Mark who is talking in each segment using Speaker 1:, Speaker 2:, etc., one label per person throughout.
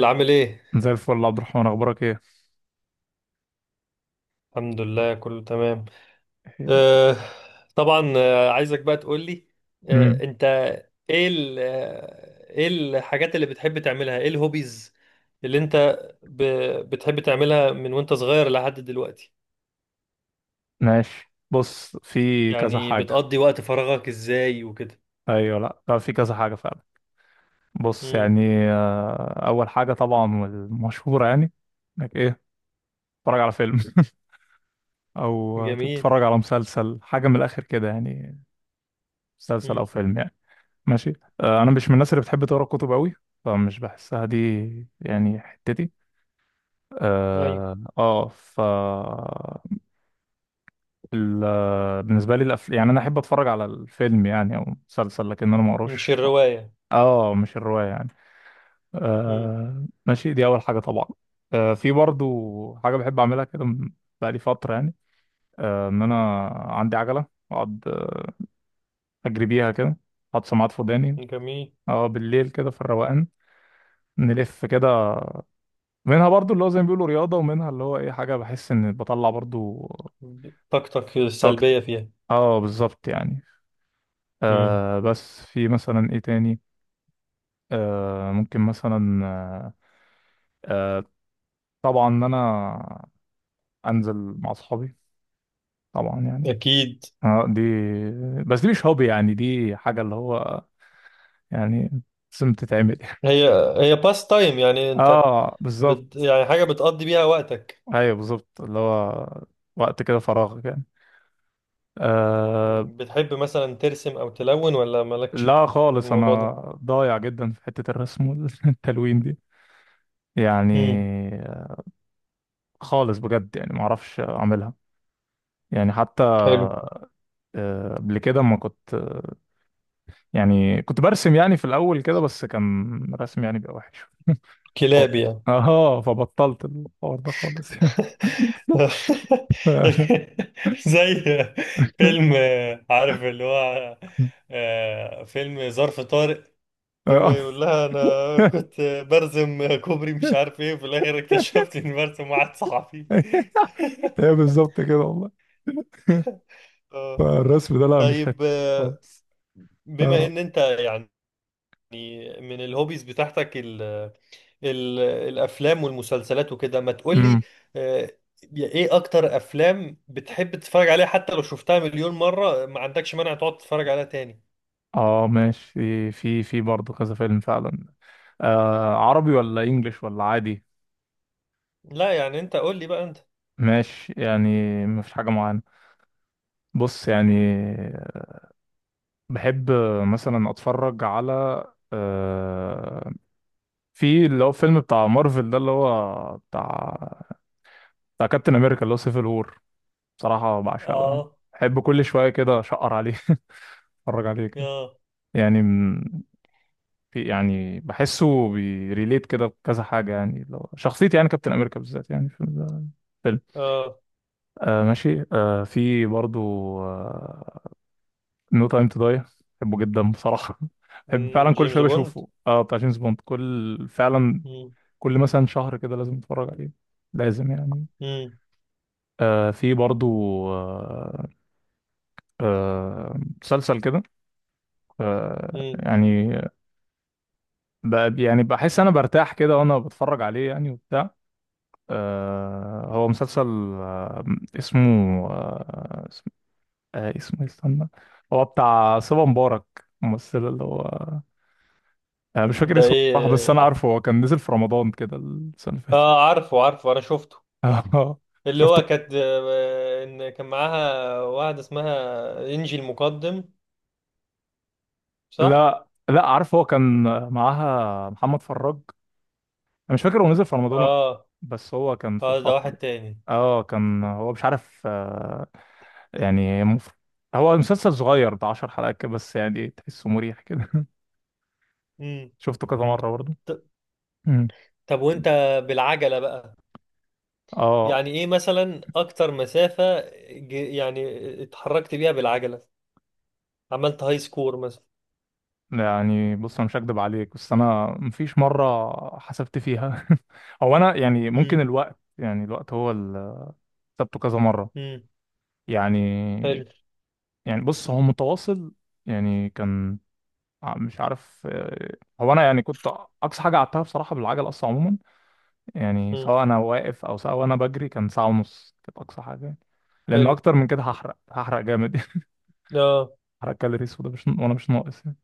Speaker 1: بلال عامل ايه؟
Speaker 2: زي الفل يا عبد الرحمن، اخبارك ايه؟
Speaker 1: الحمد لله كله تمام. آه. طبعا، عايزك بقى تقول لي.
Speaker 2: امم
Speaker 1: انت ايه ال آه، ايه الحاجات اللي بتحب تعملها؟ ايه الهوبيز اللي انت ب... بتحب تعملها من وانت صغير لحد دلوقتي؟
Speaker 2: ماشي، بص في كذا
Speaker 1: يعني
Speaker 2: حاجه.
Speaker 1: بتقضي وقت فراغك ازاي وكده؟
Speaker 2: ايوه، لا في كذا حاجه فعلا. بص
Speaker 1: امم.
Speaker 2: يعني اول حاجه طبعا والمشهوره يعني انك تتفرج على فيلم او
Speaker 1: جميل.
Speaker 2: تتفرج على مسلسل، حاجه من الاخر كده يعني، مسلسل او
Speaker 1: امم.
Speaker 2: فيلم يعني. ماشي. انا مش من الناس اللي بتحب تقرا كتب قوي، فمش بحسها دي يعني حتتي.
Speaker 1: ايوه.
Speaker 2: اه آه، ف بالنسبه لي يعني انا احب اتفرج على الفيلم يعني او مسلسل، لكن انا ما
Speaker 1: مش
Speaker 2: اقراش.
Speaker 1: الرواية.
Speaker 2: اه مش الروايه يعني.
Speaker 1: امم.
Speaker 2: آه ماشي، دي اول حاجه طبعا. آه في برضو حاجه بحب اعملها كده بقالي فتره يعني، ان انا عندي عجله، اقعد اجري بيها كده، احط سماعات في وداني،
Speaker 1: جميل.
Speaker 2: اه بالليل كده في الروقان، نلف كده. منها برضو اللي هو زي ما بيقولوا رياضه، ومنها اللي هو ايه، حاجه بحس ان بطلع برضو
Speaker 1: طاقتك
Speaker 2: طاقه.
Speaker 1: السلبية فيها.
Speaker 2: اه بالظبط يعني.
Speaker 1: امم.
Speaker 2: بس في مثلا ايه تاني، ممكن مثلا آه، طبعا ان انا انزل مع اصحابي طبعا يعني.
Speaker 1: اكيد.
Speaker 2: دي، بس دي مش هوبي يعني، دي حاجه اللي هو يعني لازم تتعمل.
Speaker 1: هي هي باس تايم، يعني انت
Speaker 2: اه بالظبط.
Speaker 1: يعني حاجة بتقضي بيها وقتك.
Speaker 2: ايوه بالظبط، اللي هو وقت كده فراغك يعني. آه.
Speaker 1: مم. بتحب مثلا ترسم أو تلون ولا مالكش
Speaker 2: لا
Speaker 1: في
Speaker 2: خالص،
Speaker 1: الموضوع
Speaker 2: انا
Speaker 1: ده؟
Speaker 2: ضايع جدا في حته الرسم والتلوين دي يعني،
Speaker 1: مم.
Speaker 2: خالص بجد يعني ما اعرفش اعملها يعني. حتى
Speaker 1: حلو.
Speaker 2: قبل كده ما كنت يعني، كنت برسم يعني في الأول كده، بس كان رسم يعني بيبقى وحش. بط-
Speaker 1: كلاب يعني.
Speaker 2: اه فبطلت الحوار ده خالص.
Speaker 1: زي
Speaker 2: آه.
Speaker 1: فيلم، عارف اللي هو، فيلم ظرف طارق، لما يقول لها انا كنت برسم كوبري مش عارف ايه، وفي الاخر اكتشفت اني برسم واحد صحفي.
Speaker 2: هي بالظبط كده والله.
Speaker 1: آه.
Speaker 2: فالرسم ده لا، مش حتة
Speaker 1: طيب
Speaker 2: خالص.
Speaker 1: بما
Speaker 2: اه.
Speaker 1: ان انت يعني من الهوبيز بتاعتك ال- الافلام والمسلسلات وكده، ما تقولي
Speaker 2: امم
Speaker 1: آه، ايه اكتر افلام بتحب تتفرج عليها، حتى لو شفتها مليون مرة ما عندكش مانع تقعد تتفرج عليها تاني؟
Speaker 2: اه ماشي، في برضه كذا فيلم فعلا. آه، عربي ولا انجليش ولا عادي؟
Speaker 1: لا يعني انت قول لي بقى انت.
Speaker 2: ماشي يعني. مفيش حاجة معينة. بص يعني، بحب مثلا اتفرج على آه، في اللي هو فيلم بتاع مارفل ده، اللي هو بتاع كابتن امريكا، اللي هو سيفل وور. بصراحة بعشقه يعني،
Speaker 1: اه.
Speaker 2: بحب كل شوية كده اشقر عليه اتفرج عليه كده
Speaker 1: اه.
Speaker 2: يعني. في يعني بحسه بيريليت كده بكذا حاجة يعني، لو شخصيتي يعني كابتن امريكا بالذات يعني في الفيلم.
Speaker 1: اه.
Speaker 2: آه ماشي. آه في برضو آه نو تايم تو داي، بحبه جدا بصراحة. بحب
Speaker 1: مم،
Speaker 2: فعلا كل
Speaker 1: جيمس
Speaker 2: شوية
Speaker 1: بوند.
Speaker 2: بشوفه، اه بتاع جيمس بوند. كل فعلا
Speaker 1: مم.
Speaker 2: كل مثلا شهر كده لازم اتفرج عليه، لازم يعني.
Speaker 1: مم.
Speaker 2: في برضو آه مسلسل كده
Speaker 1: مم.
Speaker 2: يعني، يعني بحس انا برتاح كده وانا بتفرج عليه يعني وبتاع. هو مسلسل، آه اسمه آه اسم- آه اسمه إيه، استنى. هو بتاع صبا مبارك، الممثل اللي هو مش فاكر
Speaker 1: ده
Speaker 2: اسمه صح، بس انا
Speaker 1: ايه؟
Speaker 2: عارفه هو كان نزل في رمضان كده السنة اللي فاتت.
Speaker 1: اه، عارفه عارفه، انا شفته.
Speaker 2: آه،
Speaker 1: اللي
Speaker 2: شفت.
Speaker 1: هو كانت ان كان معاها واحدة اسمها انجي المقدم. صح.
Speaker 2: لا لا، عارف هو كان معاها محمد فراج. انا مش فاكر هو نزل في رمضان ولا لأ،
Speaker 1: اه.
Speaker 2: بس هو كان في
Speaker 1: اه، ده
Speaker 2: الفترة
Speaker 1: واحد
Speaker 2: دي.
Speaker 1: تاني.
Speaker 2: اه كان هو مش عارف يعني هو مسلسل صغير ده، 10 حلقات كده بس يعني إيه، تحسه مريح كده.
Speaker 1: مم.
Speaker 2: شفته كذا مرة برضه. مم.
Speaker 1: طب وانت بالعجلة بقى،
Speaker 2: اه.
Speaker 1: يعني ايه مثلا اكتر مسافة يعني اتحركت بيها بالعجلة، عملت هاي سكور مثلا؟
Speaker 2: يعني بص انا مش هكدب عليك، بس انا مفيش مرة حسبت فيها. هو انا يعني ممكن
Speaker 1: امم.
Speaker 2: الوقت، يعني الوقت هو اللي حسبته كذا مرة
Speaker 1: امم.
Speaker 2: يعني.
Speaker 1: حلو.
Speaker 2: يعني بص هو متواصل يعني. كان مش عارف هو انا يعني كنت. اقصى حاجه قعدتها بصراحه بالعجل اصلا عموما يعني،
Speaker 1: امم.
Speaker 2: سواء انا واقف او سواء انا بجري، كان ساعه ونص كانت اقصى حاجه يعني، لان
Speaker 1: حلو.
Speaker 2: اكتر من كده هحرق جامد يعني.
Speaker 1: اه.
Speaker 2: هحرق كالوريز، وده مش، وانا مش ناقص يعني.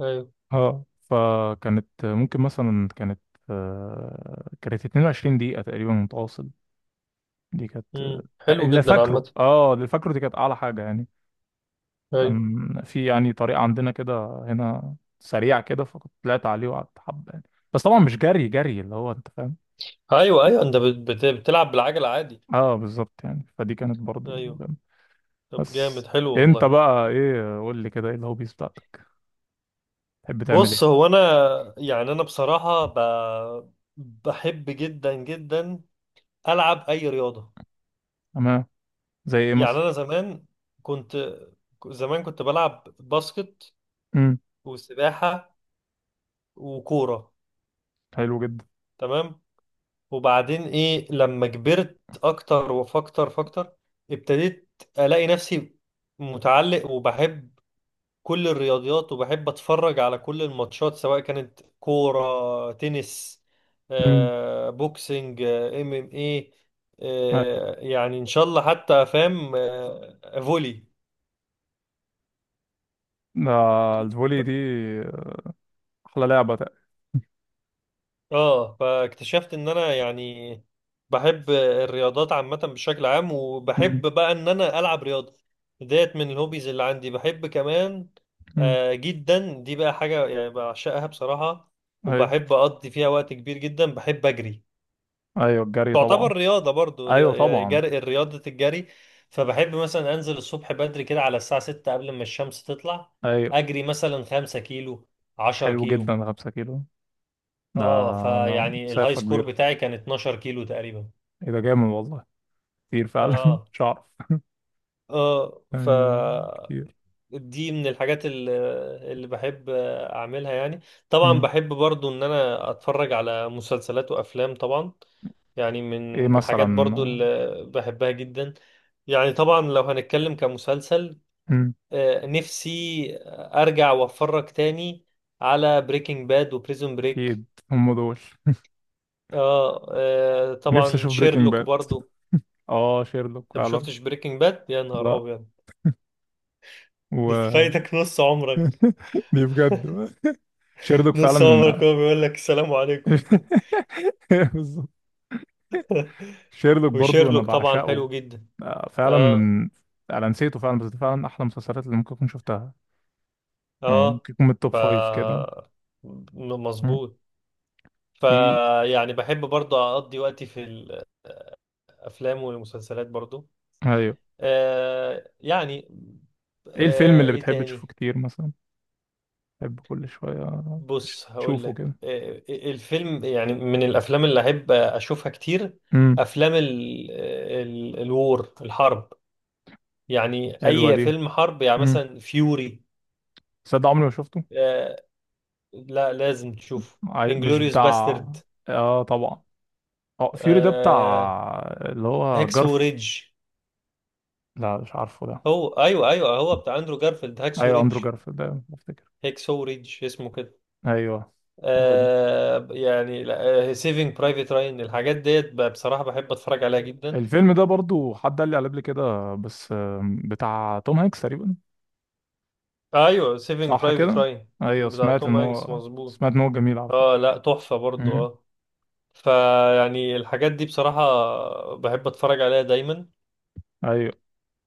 Speaker 1: ايوه.
Speaker 2: اه فكانت ممكن مثلا كانت كانت 22 دقيقه تقريبا متواصل. دي كانت
Speaker 1: امم. حلو
Speaker 2: اللي
Speaker 1: جدا عامة.
Speaker 2: فاكره، اللي فاكره دي كانت اعلى حاجه يعني.
Speaker 1: ايوه.
Speaker 2: كان في يعني طريق عندنا كده هنا سريع كده، فكنت طلعت عليه وقعدت حبة يعني، بس طبعا مش جري جري اللي هو انت فاهم.
Speaker 1: ايوه. ايوه، انت بتلعب بالعجلة عادي.
Speaker 2: اه بالظبط يعني، فدي كانت برضو
Speaker 1: ايوه.
Speaker 2: جامدة.
Speaker 1: طب جامد
Speaker 2: بس
Speaker 1: حلو
Speaker 2: انت
Speaker 1: والله.
Speaker 2: بقى ايه، قول لي كده، ايه الهوبيز بتاعتك؟ تحب تعمل ايه؟
Speaker 1: بص هو انا يعني، انا بصراحة بحب جدا جدا العب اي رياضة.
Speaker 2: تمام. زي ايه
Speaker 1: يعني
Speaker 2: مثلا؟
Speaker 1: انا زمان كنت، زمان كنت بلعب باسكت
Speaker 2: امم،
Speaker 1: وسباحة وكورة.
Speaker 2: حلو جدا.
Speaker 1: تمام. وبعدين ايه لما كبرت اكتر وفاكتر، ابتديت الاقي نفسي متعلق، وبحب كل الرياضيات، وبحب اتفرج على كل الماتشات، سواء كانت كورة، تنس،
Speaker 2: امم.
Speaker 1: بوكسنج، ام ام ايه، يعني ان شاء الله حتى فاهم فولي.
Speaker 2: ده الفولي دي احلى لعبة تقريبا.
Speaker 1: اه فاكتشفت ان انا يعني بحب الرياضات عامة بشكل عام،
Speaker 2: امم.
Speaker 1: وبحب بقى ان انا العب رياضة. ديت من الهوبيز اللي عندي. بحب كمان
Speaker 2: أمم.
Speaker 1: جدا، دي بقى حاجة يعني بعشقها بصراحة،
Speaker 2: ايوه،
Speaker 1: وبحب اقضي فيها وقت كبير جدا. بحب اجري.
Speaker 2: ايوه الجري طبعا.
Speaker 1: تعتبر رياضة برضو
Speaker 2: ايوه
Speaker 1: يعني
Speaker 2: طبعا.
Speaker 1: جري، رياضة الجري. فبحب مثلا انزل الصبح بدري كده على الساعة 6 قبل ما الشمس تطلع،
Speaker 2: ايوه
Speaker 1: اجري مثلا 5 كيلو، 10
Speaker 2: حلو
Speaker 1: كيلو.
Speaker 2: جدا، 5 كيلو ده،
Speaker 1: اه
Speaker 2: ده
Speaker 1: فيعني الهاي
Speaker 2: مسافة
Speaker 1: سكور
Speaker 2: كبيرة.
Speaker 1: بتاعي كان 12 كيلو تقريبا.
Speaker 2: ايه ده، جامد والله. كتير فعلا
Speaker 1: اه.
Speaker 2: مش عارف
Speaker 1: اه. ف
Speaker 2: يعني، كتير.
Speaker 1: دي من الحاجات اللي بحب اعملها يعني. طبعا
Speaker 2: مم.
Speaker 1: بحب برضو ان انا اتفرج على مسلسلات وافلام طبعا، يعني
Speaker 2: ايه
Speaker 1: من
Speaker 2: مثلا؟
Speaker 1: الحاجات برضو اللي بحبها جدا. يعني طبعا لو هنتكلم كمسلسل،
Speaker 2: مم.
Speaker 1: نفسي ارجع واتفرج تاني على بريكنج باد وبريزون بريك.
Speaker 2: اكيد. هم دول.
Speaker 1: اه
Speaker 2: نفسي
Speaker 1: طبعا
Speaker 2: اشوف بريكنج
Speaker 1: شيرلوك
Speaker 2: باد.
Speaker 1: برضو.
Speaker 2: اه شيرلوك
Speaker 1: انت ما
Speaker 2: فعلا.
Speaker 1: شفتش بريكنج باد؟ يا نهار
Speaker 2: لا.
Speaker 1: ابيض، ده
Speaker 2: و.
Speaker 1: فايتك نص عمرك.
Speaker 2: دي بجد. شيرلوك
Speaker 1: نص عمرك
Speaker 2: فعلا.
Speaker 1: هو بيقول لك السلام عليكم.
Speaker 2: بالظبط. شيرلوك برضو انا
Speaker 1: وشيرلوك طبعا
Speaker 2: بعشقه.
Speaker 1: حلو جدا.
Speaker 2: فعلا
Speaker 1: اه.
Speaker 2: من، انا نسيته فعلا، بس ده فعلا احلى مسلسلات اللي ممكن اكون شفتها يعني.
Speaker 1: اه.
Speaker 2: ممكن يكون من التوب
Speaker 1: ف
Speaker 2: فايف كده. مم.
Speaker 1: مظبوط. ف
Speaker 2: في.
Speaker 1: يعني بحب برضه اقضي وقتي في الافلام والمسلسلات برضه.
Speaker 2: ايوه.
Speaker 1: يعني،
Speaker 2: ايه الفيلم اللي
Speaker 1: ايه
Speaker 2: بتحب تشوفه
Speaker 1: تاني؟
Speaker 2: كتير مثلا؟ بحب كل شوية
Speaker 1: بص هقول
Speaker 2: تشوفه
Speaker 1: لك،
Speaker 2: كده.
Speaker 1: الفيلم يعني، من الافلام اللي احب اشوفها كتير
Speaker 2: امم.
Speaker 1: افلام ال ال الوور، الحرب، يعني
Speaker 2: حلوة
Speaker 1: اي
Speaker 2: دي.
Speaker 1: فيلم حرب، يعني
Speaker 2: امم.
Speaker 1: مثلا فيوري.
Speaker 2: صدق، عمري ما شفته.
Speaker 1: آه. لا لازم تشوفه.
Speaker 2: مش
Speaker 1: انجلوريوس
Speaker 2: بتاع.
Speaker 1: باسترد.
Speaker 2: اه طبعا. اه فيوري ده
Speaker 1: آه.
Speaker 2: بتاع اللي هو
Speaker 1: هاكسو
Speaker 2: جارف.
Speaker 1: ريدج.
Speaker 2: لا مش عارفه ده.
Speaker 1: هو ايوه ايوه، هو بتاع اندرو جارفيلد، هاكسو
Speaker 2: ايوه
Speaker 1: ريدج،
Speaker 2: اندرو جارف ده بفتكر.
Speaker 1: هاكسو ريدج اسمه كده.
Speaker 2: ايوه. هو ده
Speaker 1: يعني سيفينج برايفت راين، الحاجات ديت بقى بصراحة بحب اتفرج عليها جدا.
Speaker 2: الفيلم، ده برضو حد قال لي عليه قبل كده، بس بتاع توم هانكس تقريبا.
Speaker 1: ايوه سيفينج
Speaker 2: صح
Speaker 1: برايفت
Speaker 2: كده.
Speaker 1: راين
Speaker 2: ايوه،
Speaker 1: بتاع توم هانكس مظبوط.
Speaker 2: سمعت ان هو جميل على فكرة.
Speaker 1: اه لا تحفة برضو
Speaker 2: امم.
Speaker 1: اه. فيعني الحاجات دي بصراحة بحب اتفرج عليها دايما.
Speaker 2: ايوه.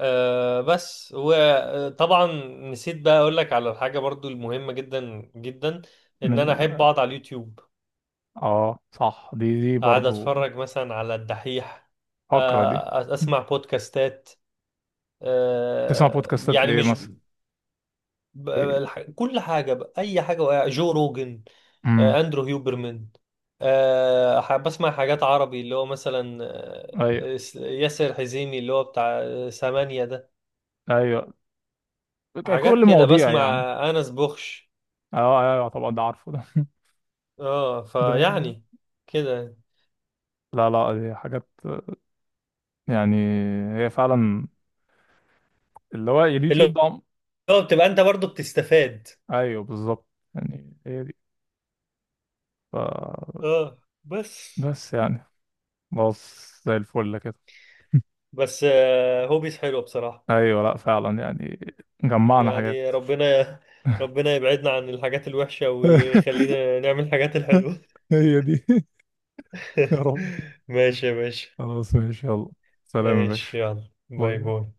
Speaker 1: آه بس، وطبعا نسيت بقى اقول لك على الحاجه برضو المهمه جدا جدا، ان
Speaker 2: من
Speaker 1: انا احب
Speaker 2: ال...
Speaker 1: اقعد على اليوتيوب،
Speaker 2: اه صح، دي
Speaker 1: اقعد
Speaker 2: برضو
Speaker 1: اتفرج مثلا على الدحيح،
Speaker 2: فقرة دي.
Speaker 1: آه اسمع بودكاستات.
Speaker 2: تسمع
Speaker 1: آه
Speaker 2: بودكاستات
Speaker 1: يعني
Speaker 2: لإيه
Speaker 1: مش
Speaker 2: مثلا؟
Speaker 1: ب-
Speaker 2: إيه؟
Speaker 1: الح- كل حاجه بقى، اي حاجه بقى. جو روجن،
Speaker 2: امم.
Speaker 1: اندرو هيوبرمان، بسمع حاجات عربي اللي هو مثلا
Speaker 2: أيوه،
Speaker 1: ياسر حزيمي اللي هو بتاع ثمانية ده.
Speaker 2: أيوه.
Speaker 1: حاجات
Speaker 2: كل
Speaker 1: كده
Speaker 2: مواضيع
Speaker 1: بسمع.
Speaker 2: يعني.
Speaker 1: انس بوخش.
Speaker 2: أه أيوه، أيوة طبعا ده عارفه ده،
Speaker 1: اه
Speaker 2: ده.
Speaker 1: فيعني كده،
Speaker 2: لا لا، دي حاجات يعني، هي فعلا اللي هو اليوتيوب
Speaker 1: اللي
Speaker 2: ده
Speaker 1: هو بتبقى انت برضو بتستفاد.
Speaker 2: أيوه بالظبط يعني، هي دي، ف...
Speaker 1: اه بس.
Speaker 2: بس يعني، بص زي الفل كده.
Speaker 1: بس هوبيز حلوة بصراحة.
Speaker 2: أيوه لا فعلا يعني، جمعنا حاجات.
Speaker 1: يعني ربنا، ربنا يبعدنا عن الحاجات الوحشة ويخلينا نعمل الحاجات الحلوة.
Speaker 2: هي دي. يا رب.
Speaker 1: ماشي يا باشا.
Speaker 2: خلاص ماشي يلا، سلام يا باشا.
Speaker 1: ماشي يلا،
Speaker 2: باي
Speaker 1: باي باي.
Speaker 2: باي.